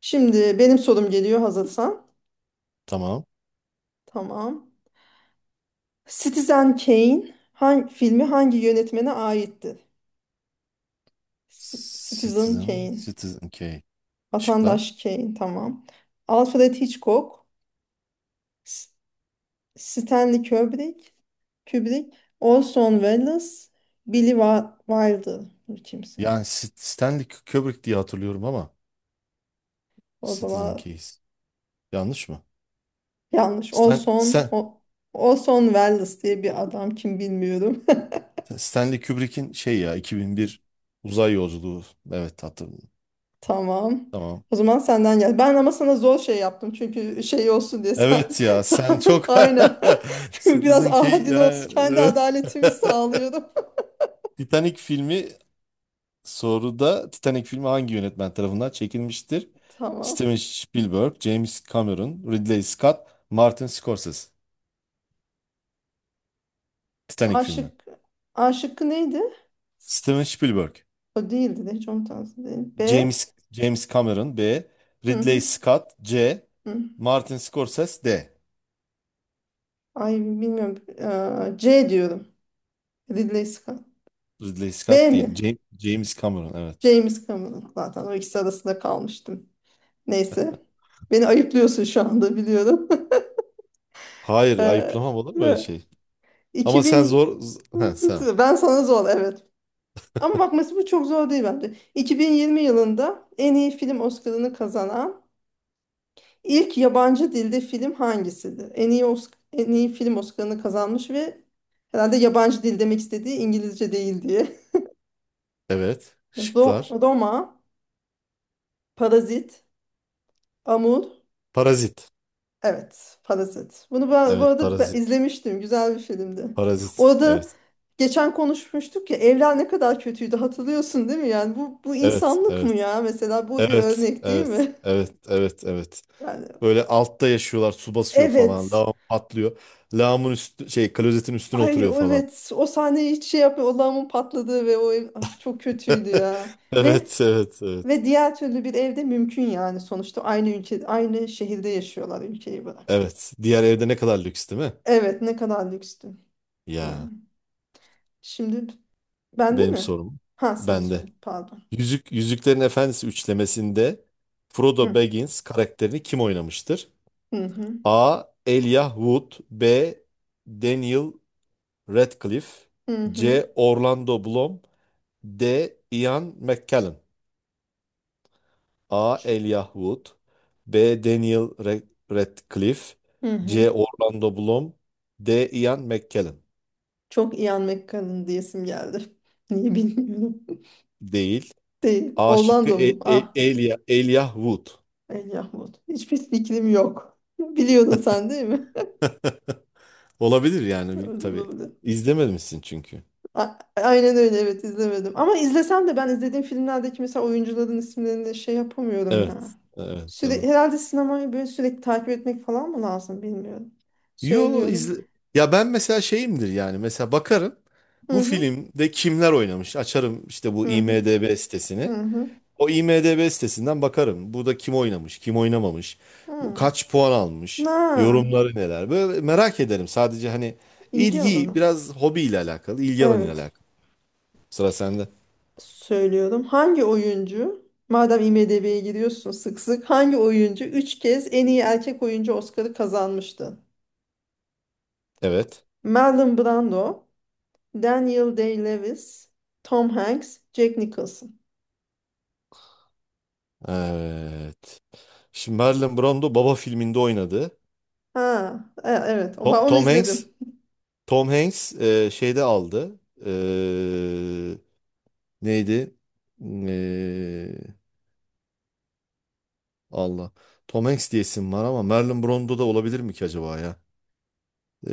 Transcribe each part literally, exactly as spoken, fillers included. Şimdi benim sorum geliyor hazırsan. Tamam. Tamam. Citizen Kane hangi filmi hangi yönetmene aittir? C- Citizen Citizen, Kane. Citizen Kane. Şıklar. Vatandaş Kane. Tamam. Alfred Hitchcock, S- Stanley Kubrick, Kubrick, Orson Welles, Billy Wa- Wilder. Bu kimse? Yani Sit- Stanley Kubrick diye hatırlıyorum ama O Citizen zaman Kane. Yanlış mı? yanlış. Stan, Orson, Stan- o, Orson Welles diye bir adam kim bilmiyorum. Stanley Kubrick'in şey ya iki bin bir uzay yolculuğu. Evet hatırladım. Tamam. Tamam. O zaman senden gel. Ben ama sana zor şey yaptım. Çünkü şey olsun diye sen, Evet ya sen sen çok aynen. Biraz Citizen Kane adil olsun. ya. Kendi adaletimi sağlıyorum. Titanic filmi soruda Titanic filmi hangi yönetmen tarafından çekilmiştir? Tamam. Steven Spielberg, James Cameron, Ridley Scott, Martin Scorsese. Titanic A filmi. şıkkı, A şıkkı neydi? Steven Spielberg. O değildi de hiç onun tarzı değil. B. James James Cameron B. Hı Ridley hı, Scott C. hı. Martin Scorsese D. Ay bilmiyorum. Ee, C diyorum. Ridley Scott. Ridley B Scott mi? değil. James, James Cameron evet. James Cameron. Zaten o ikisi arasında kalmıştım. Neyse. Beni ayıplıyorsun şu anda biliyorum. Hayır, Ee, ayıplamam, olur mu öyle şey? Ama sen iki bin zor... z- Ha, sen. ben sana zor evet. Ama bakması bu çok zor değil bence. iki bin yirmi yılında en iyi film Oscar'ını kazanan ilk yabancı dilde film hangisidir? En iyi Osc- en iyi film Oscar'ını kazanmış ve herhalde yabancı dil demek istediği İngilizce değil diye. Evet. Ro- Şıklar. Roma, Parazit, Amur, Parazit. Evet, Parazit. Bunu ben bu Evet, arada ben parazit. izlemiştim. Güzel bir filmdi. Parazit. Orada Evet. geçen konuşmuştuk ya evler ne kadar kötüydü hatırlıyorsun değil mi? Yani bu bu Evet. insanlık mı Evet. ya? Mesela bu bir Evet. örnek değil Evet. mi? Evet. Evet. Evet. Yani Böyle altta yaşıyorlar. Su basıyor falan. evet. Lağım patlıyor. Lağımın üstü şey, klozetin üstüne Ay oturuyor falan. evet o sahneyi hiç şey yapıyor. O lağımın patladığı ve o ev Ay, çok kötüydü ya. Ve Evet, evet, evet. ve diğer türlü bir evde mümkün yani sonuçta aynı ülke aynı şehirde yaşıyorlar ülkeyi bırak. Evet. Diğer evde ne kadar lüks, değil mi? Evet ne kadar lükstü. Yani Ya şimdi Bende benim mi? sorum Ha senin bende. son. Pardon. Yüzük, Yüzüklerin Efendisi üçlemesinde Frodo Hı Baggins karakterini kim oynamıştır? hı hı A. Elijah Wood B. Daniel Radcliffe hı. Hı C. Orlando Bloom D. Ian McKellen. A. Ç- Elijah Wood B. Daniel Ra- Radcliffe hı. hı. C. Orlando Bloom D. Ian McKellen. Çok Ian McKellen diyesim geldi. Niye bilmiyorum. Değil. Değil. A şıkkı, Orlando mu? E- E- Ah. Elia, Elijah Wood. El Yahmut. Hiçbir fikrim yok. Biliyordun sen değil mi? Olabilir yani, bir- Öyle tabii. olabilir. İzlememişsin çünkü. A- Aynen öyle evet izlemedim. Ama izlesem de ben izlediğim filmlerdeki mesela oyuncuların isimlerini şey yapamıyorum ya. Evet. Evet. Süre, Doğru. herhalde sinemayı böyle sürekli takip etmek falan mı lazım bilmiyorum. Yo Söylüyorum. izle... Ya ben mesela şeyimdir, yani mesela bakarım Hı bu hı filmde kimler oynamış, açarım işte bu hı hı IMDb hı. sitesini. hı. O IMDb sitesinden bakarım, burada kim oynamış kim oynamamış, bu Hmm. kaç puan almış, Ha, yorumları neler, böyle merak ederim sadece, hani ilgi ilgi alanı. biraz hobiyle alakalı, ilgi alanıyla Evet. alakalı. Sıra sende. Söylüyorum. Hangi oyuncu, madem IMDb'ye giriyorsun sık sık, hangi oyuncu üç kez en iyi erkek oyuncu Oscar'ı kazanmıştı? Evet. Marlon Brando, Daniel Day-Lewis, Tom Hanks, Jack Nicholson. Evet. Şimdi Marlon Brando Baba filminde oynadı. Ha, e- evet. Ben To- onu Tom, Hanks izledim. Tom Hanks e, şeyde aldı. E, neydi? E, Allah. Tom Hanks diye isim var ama Marlon Brando da olabilir mi ki acaba ya?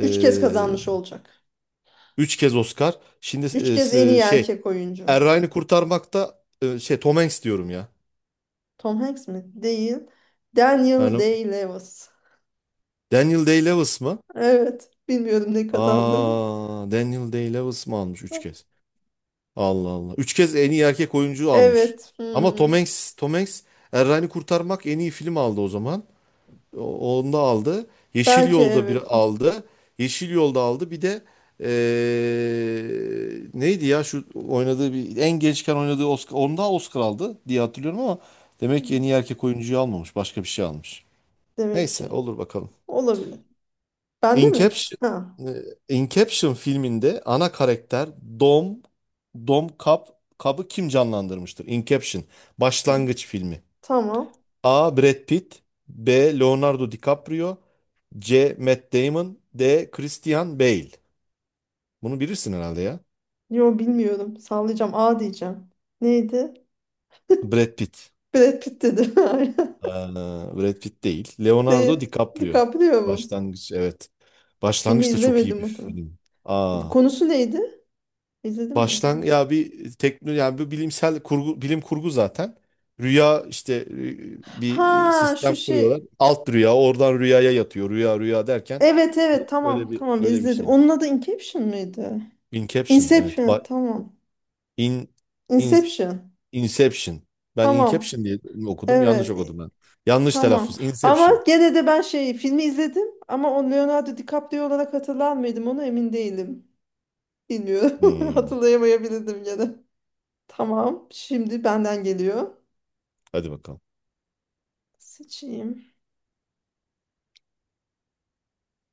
Üç kez kazanmış olacak. üç kez Oscar. Şimdi Üç e, kez en iyi s- şey erkek oyuncu. Er Kurtarmakta, e, şey Tom Hanks diyorum ya. Tom Hanks mi? Değil. Daniel Yani Day-Lewis. Daniel Day-Lewis mı? Evet. Bilmiyorum ne kazandı. Aa, Daniel Day-Lewis mı almış üç kez? Allah Allah. Üç kez en iyi erkek oyuncu almış. Evet. Ama Tom Hmm. Hanks, Tom Hanks Er Ryan'ı Kurtarmak en iyi film aldı o zaman. O- Onu da aldı. Yeşil Belki Yolda evet. bir aldı. Yeşil Yolda aldı. Bir de eee, neydi ya, şu oynadığı bir, en gençken oynadığı Oscar. Onda Oscar aldı diye hatırlıyorum ama demek ki en Hmm. iyi erkek oyuncuyu almamış. Başka bir şey almış. Demek Neyse, ki. olur bakalım. Olabilir. Bende mi? Inception, Ha. e, Inception filminde ana karakter Dom Dom Cobb Cobb'ı kim canlandırmıştır? Inception, ha. başlangıç filmi. Tamam. A. Brad Pitt B. Leonardo DiCaprio C. Matt Damon D. Christian Bale. Bunu bilirsin herhalde ya. Yo bilmiyorum. Sallayacağım. A diyeceğim. Neydi? Brad Pitt. Brad Pitt dedim. Aynen. Ee, Brad Pitt değil. Değil. Leonardo DiCaprio. DiCaprio mu? Başlangıç, evet. Filmi Başlangıç da çok iyi izlemedim bir muhtemelen. film. Aa. Konusu neydi? İzledim mi acaba? Baştan ya, bir tekno, yani bir bilimsel kurgu, bilim kurgu zaten. Rüya işte, e, bir e, Ha sistem şu kuruyorlar. şey. Alt rüya, oradan rüyaya yatıyor. Rüya rüya derken Evet öyle evet öyle tamam bir tamam öyle bir izledim. şey. Onun adı Inception mıydı? Inception, evet. Inception Ba tamam. in, in Inception. Inception. Ben Tamam. Inception diye okudum. Yanlış Evet. okudum ben. Yanlış Tamam. telaffuz. Ama Inception. gene de ben şey filmi izledim ama o Leonardo DiCaprio olarak hatırlar mıydım onu emin değilim. Bilmiyorum. Hmm. Hatırlayamayabilirdim gene. Tamam. Şimdi benden geliyor. Hadi bakalım. Seçeyim.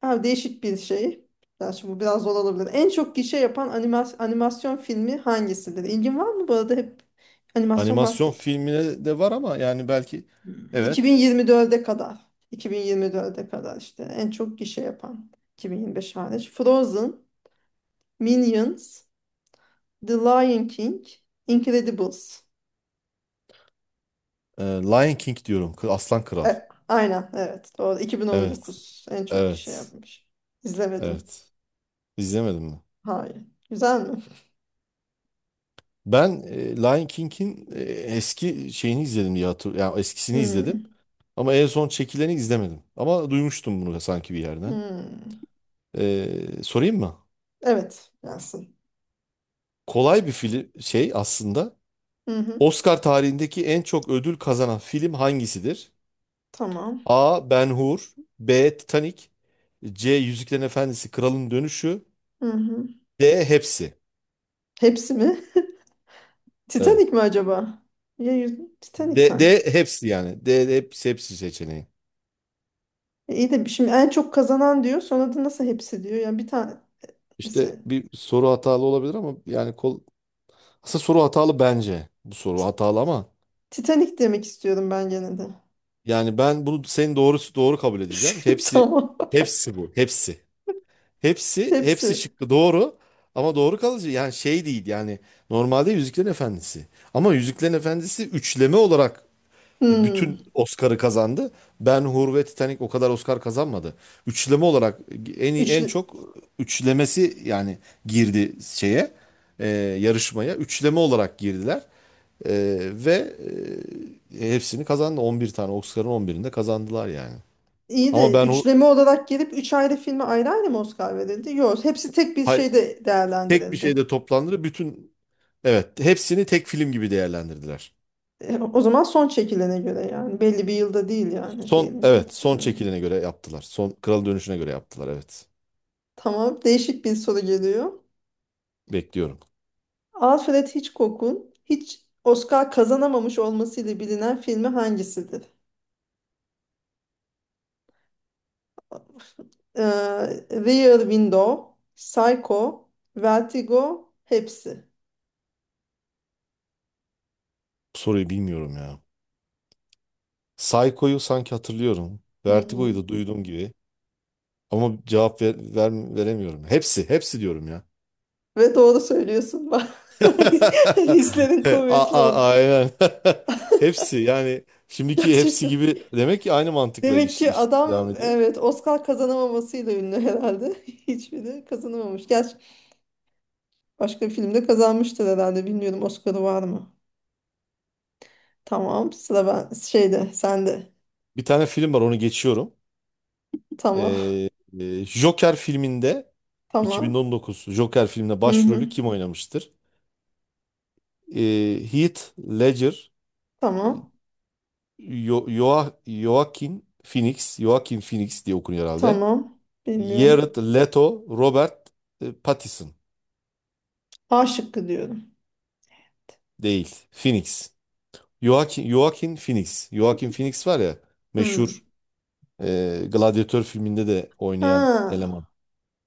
Ha, değişik bir şey. Ben şimdi bu biraz zor olabilir. En çok gişe yapan animas- animasyon filmi hangisidir? İlgin var mı bu arada hep animasyon Animasyon bahset. filmine de var ama yani belki, Hmm. evet. iki bin yirmi dörde kadar. iki bin yirmi dörde kadar işte en çok gişe yapan. iki bin yirmi beş hariç. Frozen, Minions, The Lion King, Incredibles. Ee, Lion King diyorum. Kı- Aslan Kral. E, aynen evet doğru. Evet. iki bin on dokuz en çok kişi Evet. yapmış. İzlemedim. Evet. İzlemedim mi? Hayır. Güzel mi? Ben e, Lion King'in e, eski şeyini izledim diye hatırlıyorum. Yani eskisini izledim. Hmm, Ama en son çekileni izlemedim. Ama duymuştum bunu sanki bir yerden. hmm. E, sorayım mı? Evet gelsin. Kolay bir film şey aslında. Hı hı, Oscar tarihindeki en çok ödül kazanan film hangisidir? tamam. A. Ben-Hur B. Titanic C. Yüzüklerin Efendisi Kralın Dönüşü Hı hı. D. Hepsi. Hepsi mi? Evet. Titanic mi acaba? Ya, yüz... Titanic D, sanki. D hepsi yani. D, hepsi hepsi seçeneği. E, iyi de şimdi en çok kazanan diyor. Sonra da nasıl hepsi diyor. Yani bir tane mesela İşte bir soru hatalı olabilir ama yani kol- aslında soru hatalı bence. Bu soru hatalı ama Titanic demek istiyorum ben gene de. yani ben bunu senin doğrusu doğru kabul edeceğim. Hepsi Tamam. hepsi bu. Hepsi. Hepsi hepsi Hepsi. şıkkı doğru ama doğru kalıcı yani şey değil yani, normalde Yüzüklerin Efendisi. Ama Yüzüklerin Efendisi üçleme olarak bütün Hmm. Oscar'ı kazandı. Ben-Hur ve Titanic o kadar Oscar kazanmadı. Üçleme olarak en iyi- en Üçlü. çok üçlemesi yani girdi şeye, e, yarışmaya. Üçleme olarak girdiler. Ee, ve e, hepsini kazandı. on bir tane Oscar'ın on birinde kazandılar yani. İyi Ama de ben o üçleme olarak gelip üç ayrı filme ayrı ayrı mı Oscar verildi? Yok, hepsi tek bir hay- şeyde tek bir değerlendirildi. şeyde toplandı. Bütün, evet, hepsini tek film gibi değerlendirdiler. E, o zaman son çekilene göre yani belli bir yılda değil yani Son, diyelim ki. evet, son Hmm. çekilene göre yaptılar. Son Kral Dönüşü'ne göre yaptılar evet. Tamam, değişik bir soru geliyor. Bekliyorum. Alfred Hitchcock'un hiç Oscar kazanamamış olmasıyla bilinen filmi hangisidir? Ee, Rear Window, Psycho, Vertigo, hepsi. Bu soruyu bilmiyorum ya. Psycho'yu sanki hatırlıyorum. Hı Vertigo'yu hı. da duyduğum gibi. Ama cevap ver, ver- veremiyorum. Hepsi, hepsi diyorum ya. Ve doğru söylüyorsun bak. Hislerin A- kuvvetli a- olsun. Aynen. Hepsi yani, şimdiki hepsi Gerçekten. gibi, demek ki aynı mantıkla Demek iş, ki iş adam devam ediyor. evet Oscar kazanamamasıyla ünlü herhalde. Hiçbiri kazanamamış. Gerçi başka bir filmde kazanmıştır herhalde. Bilmiyorum Oscar'ı var mı? Tamam. Sıra ben şeyde sende. Bir tane film var, onu geçiyorum. Tamam. Ee, e, Joker filminde Tamam. iki bin on dokuz Joker filminde Hı hı. başrolü kim oynamıştır? Ee, Heath Ledger, Tamam. Yo Yoa- Joaquin Phoenix, Joaquin Phoenix diye okunuyor herhalde. Tamam. Bilmiyorum. Jared Leto, Robert e, Pattinson A şıkkı diyorum. değil, Phoenix. Joaquin, Joaquin Phoenix. Joaquin Phoenix var ya, Hı. meşhur, e, Gladiator filminde de oynayan Ha. eleman.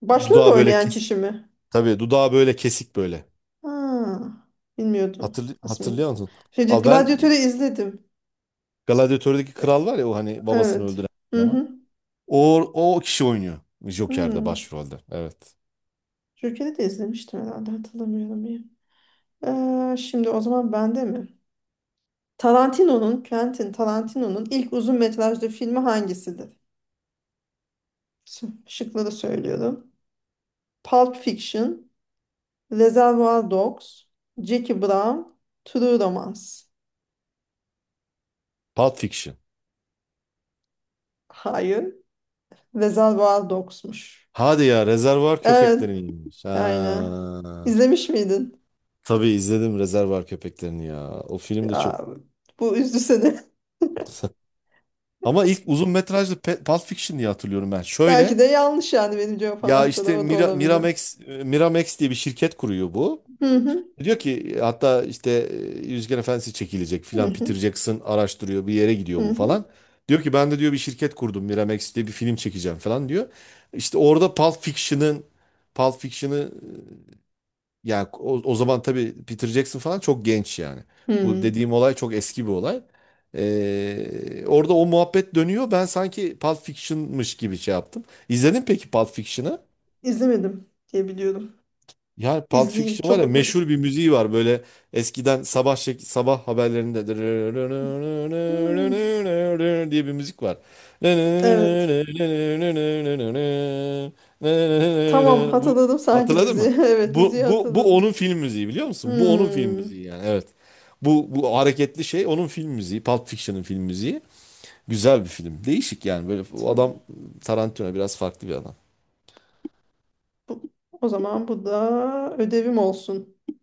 Başrolde Dudağı böyle oynayan kesik. kişi mi? Tabii dudağı böyle kesik, böyle. Ha. Bilmiyordum. Hatırlı, Aslında. hatırlıyor musun? Şeyce Abi ben Gladiatör'ü izledim. Gladiator'daki E, kral var ya, o hani babasını Evet. öldüren Hı eleman. hı. O, o kişi oynuyor Joker'de Hı. başrolde. Evet. Joker'i de izlemiştim herhalde hatırlamıyorum iyi. Ee, şimdi o zaman bende mi? Tarantino'nun, Quentin Tarantino'nun ilk uzun metrajlı filmi hangisidir? Ş- Şıkları söylüyorum. Pulp Fiction, Reservoir Dogs, Jackie Brown, True Romance. Pulp Fiction. Hayır, Reservoir Dogs'muş. Hadi ya, Rezervuar Evet, Köpekleri'niymiş. aynen. Ha. İzlemiş miydin? Tabii izledim Rezervuar Köpeklerini ya. O film de çok Ya, bu üzdü seni. ama ilk uzun metrajlı Pe- Pulp Fiction diye hatırlıyorum ben. Belki Şöyle de yanlış yani benim cevap ya, anahtarı işte o da Mira, olabilir. Miramax, e, Miramax diye bir şirket kuruyor bu. Hı hı, Diyor ki hatta işte e, Yüzgen Efendisi çekilecek hı filan, Peter hı, Jackson araştırıyor, bir yere gidiyor bu falan. hı Diyor ki ben de diyor, bir şirket kurdum Miramax diye, bir film çekeceğim falan diyor. İşte orada Pulp Fiction'ın Pulp Fiction'ı yani, o, o zaman tabii Peter Jackson falan çok genç yani. hı. Bu hı. dediğim olay çok eski bir olay. Ee, orada o muhabbet dönüyor. Ben sanki Pulp Fiction'mış gibi şey yaptım. İzledin peki Pulp Fiction'ı? İzlemedim diye biliyorum. Ya Pulp İzleyeyim Fiction var ya, çok. meşhur bir müziği var böyle eskiden sabah şek- sabah haberlerinde Hmm, diye bir müzik var. evet. Tamam Bu, hatırladım sanki hatırladın müziği. mı? Evet Bu, müziği bu, bu hatırladım. onun film müziği biliyor musun? Bu onun film Hmm, müziği yani, evet. Bu, bu hareketli şey onun film müziği. Pulp Fiction'ın film müziği. Güzel bir film. Değişik yani, böyle adam, tamam. Tarantino biraz farklı bir adam. Bu, o zaman bu da ödevim olsun.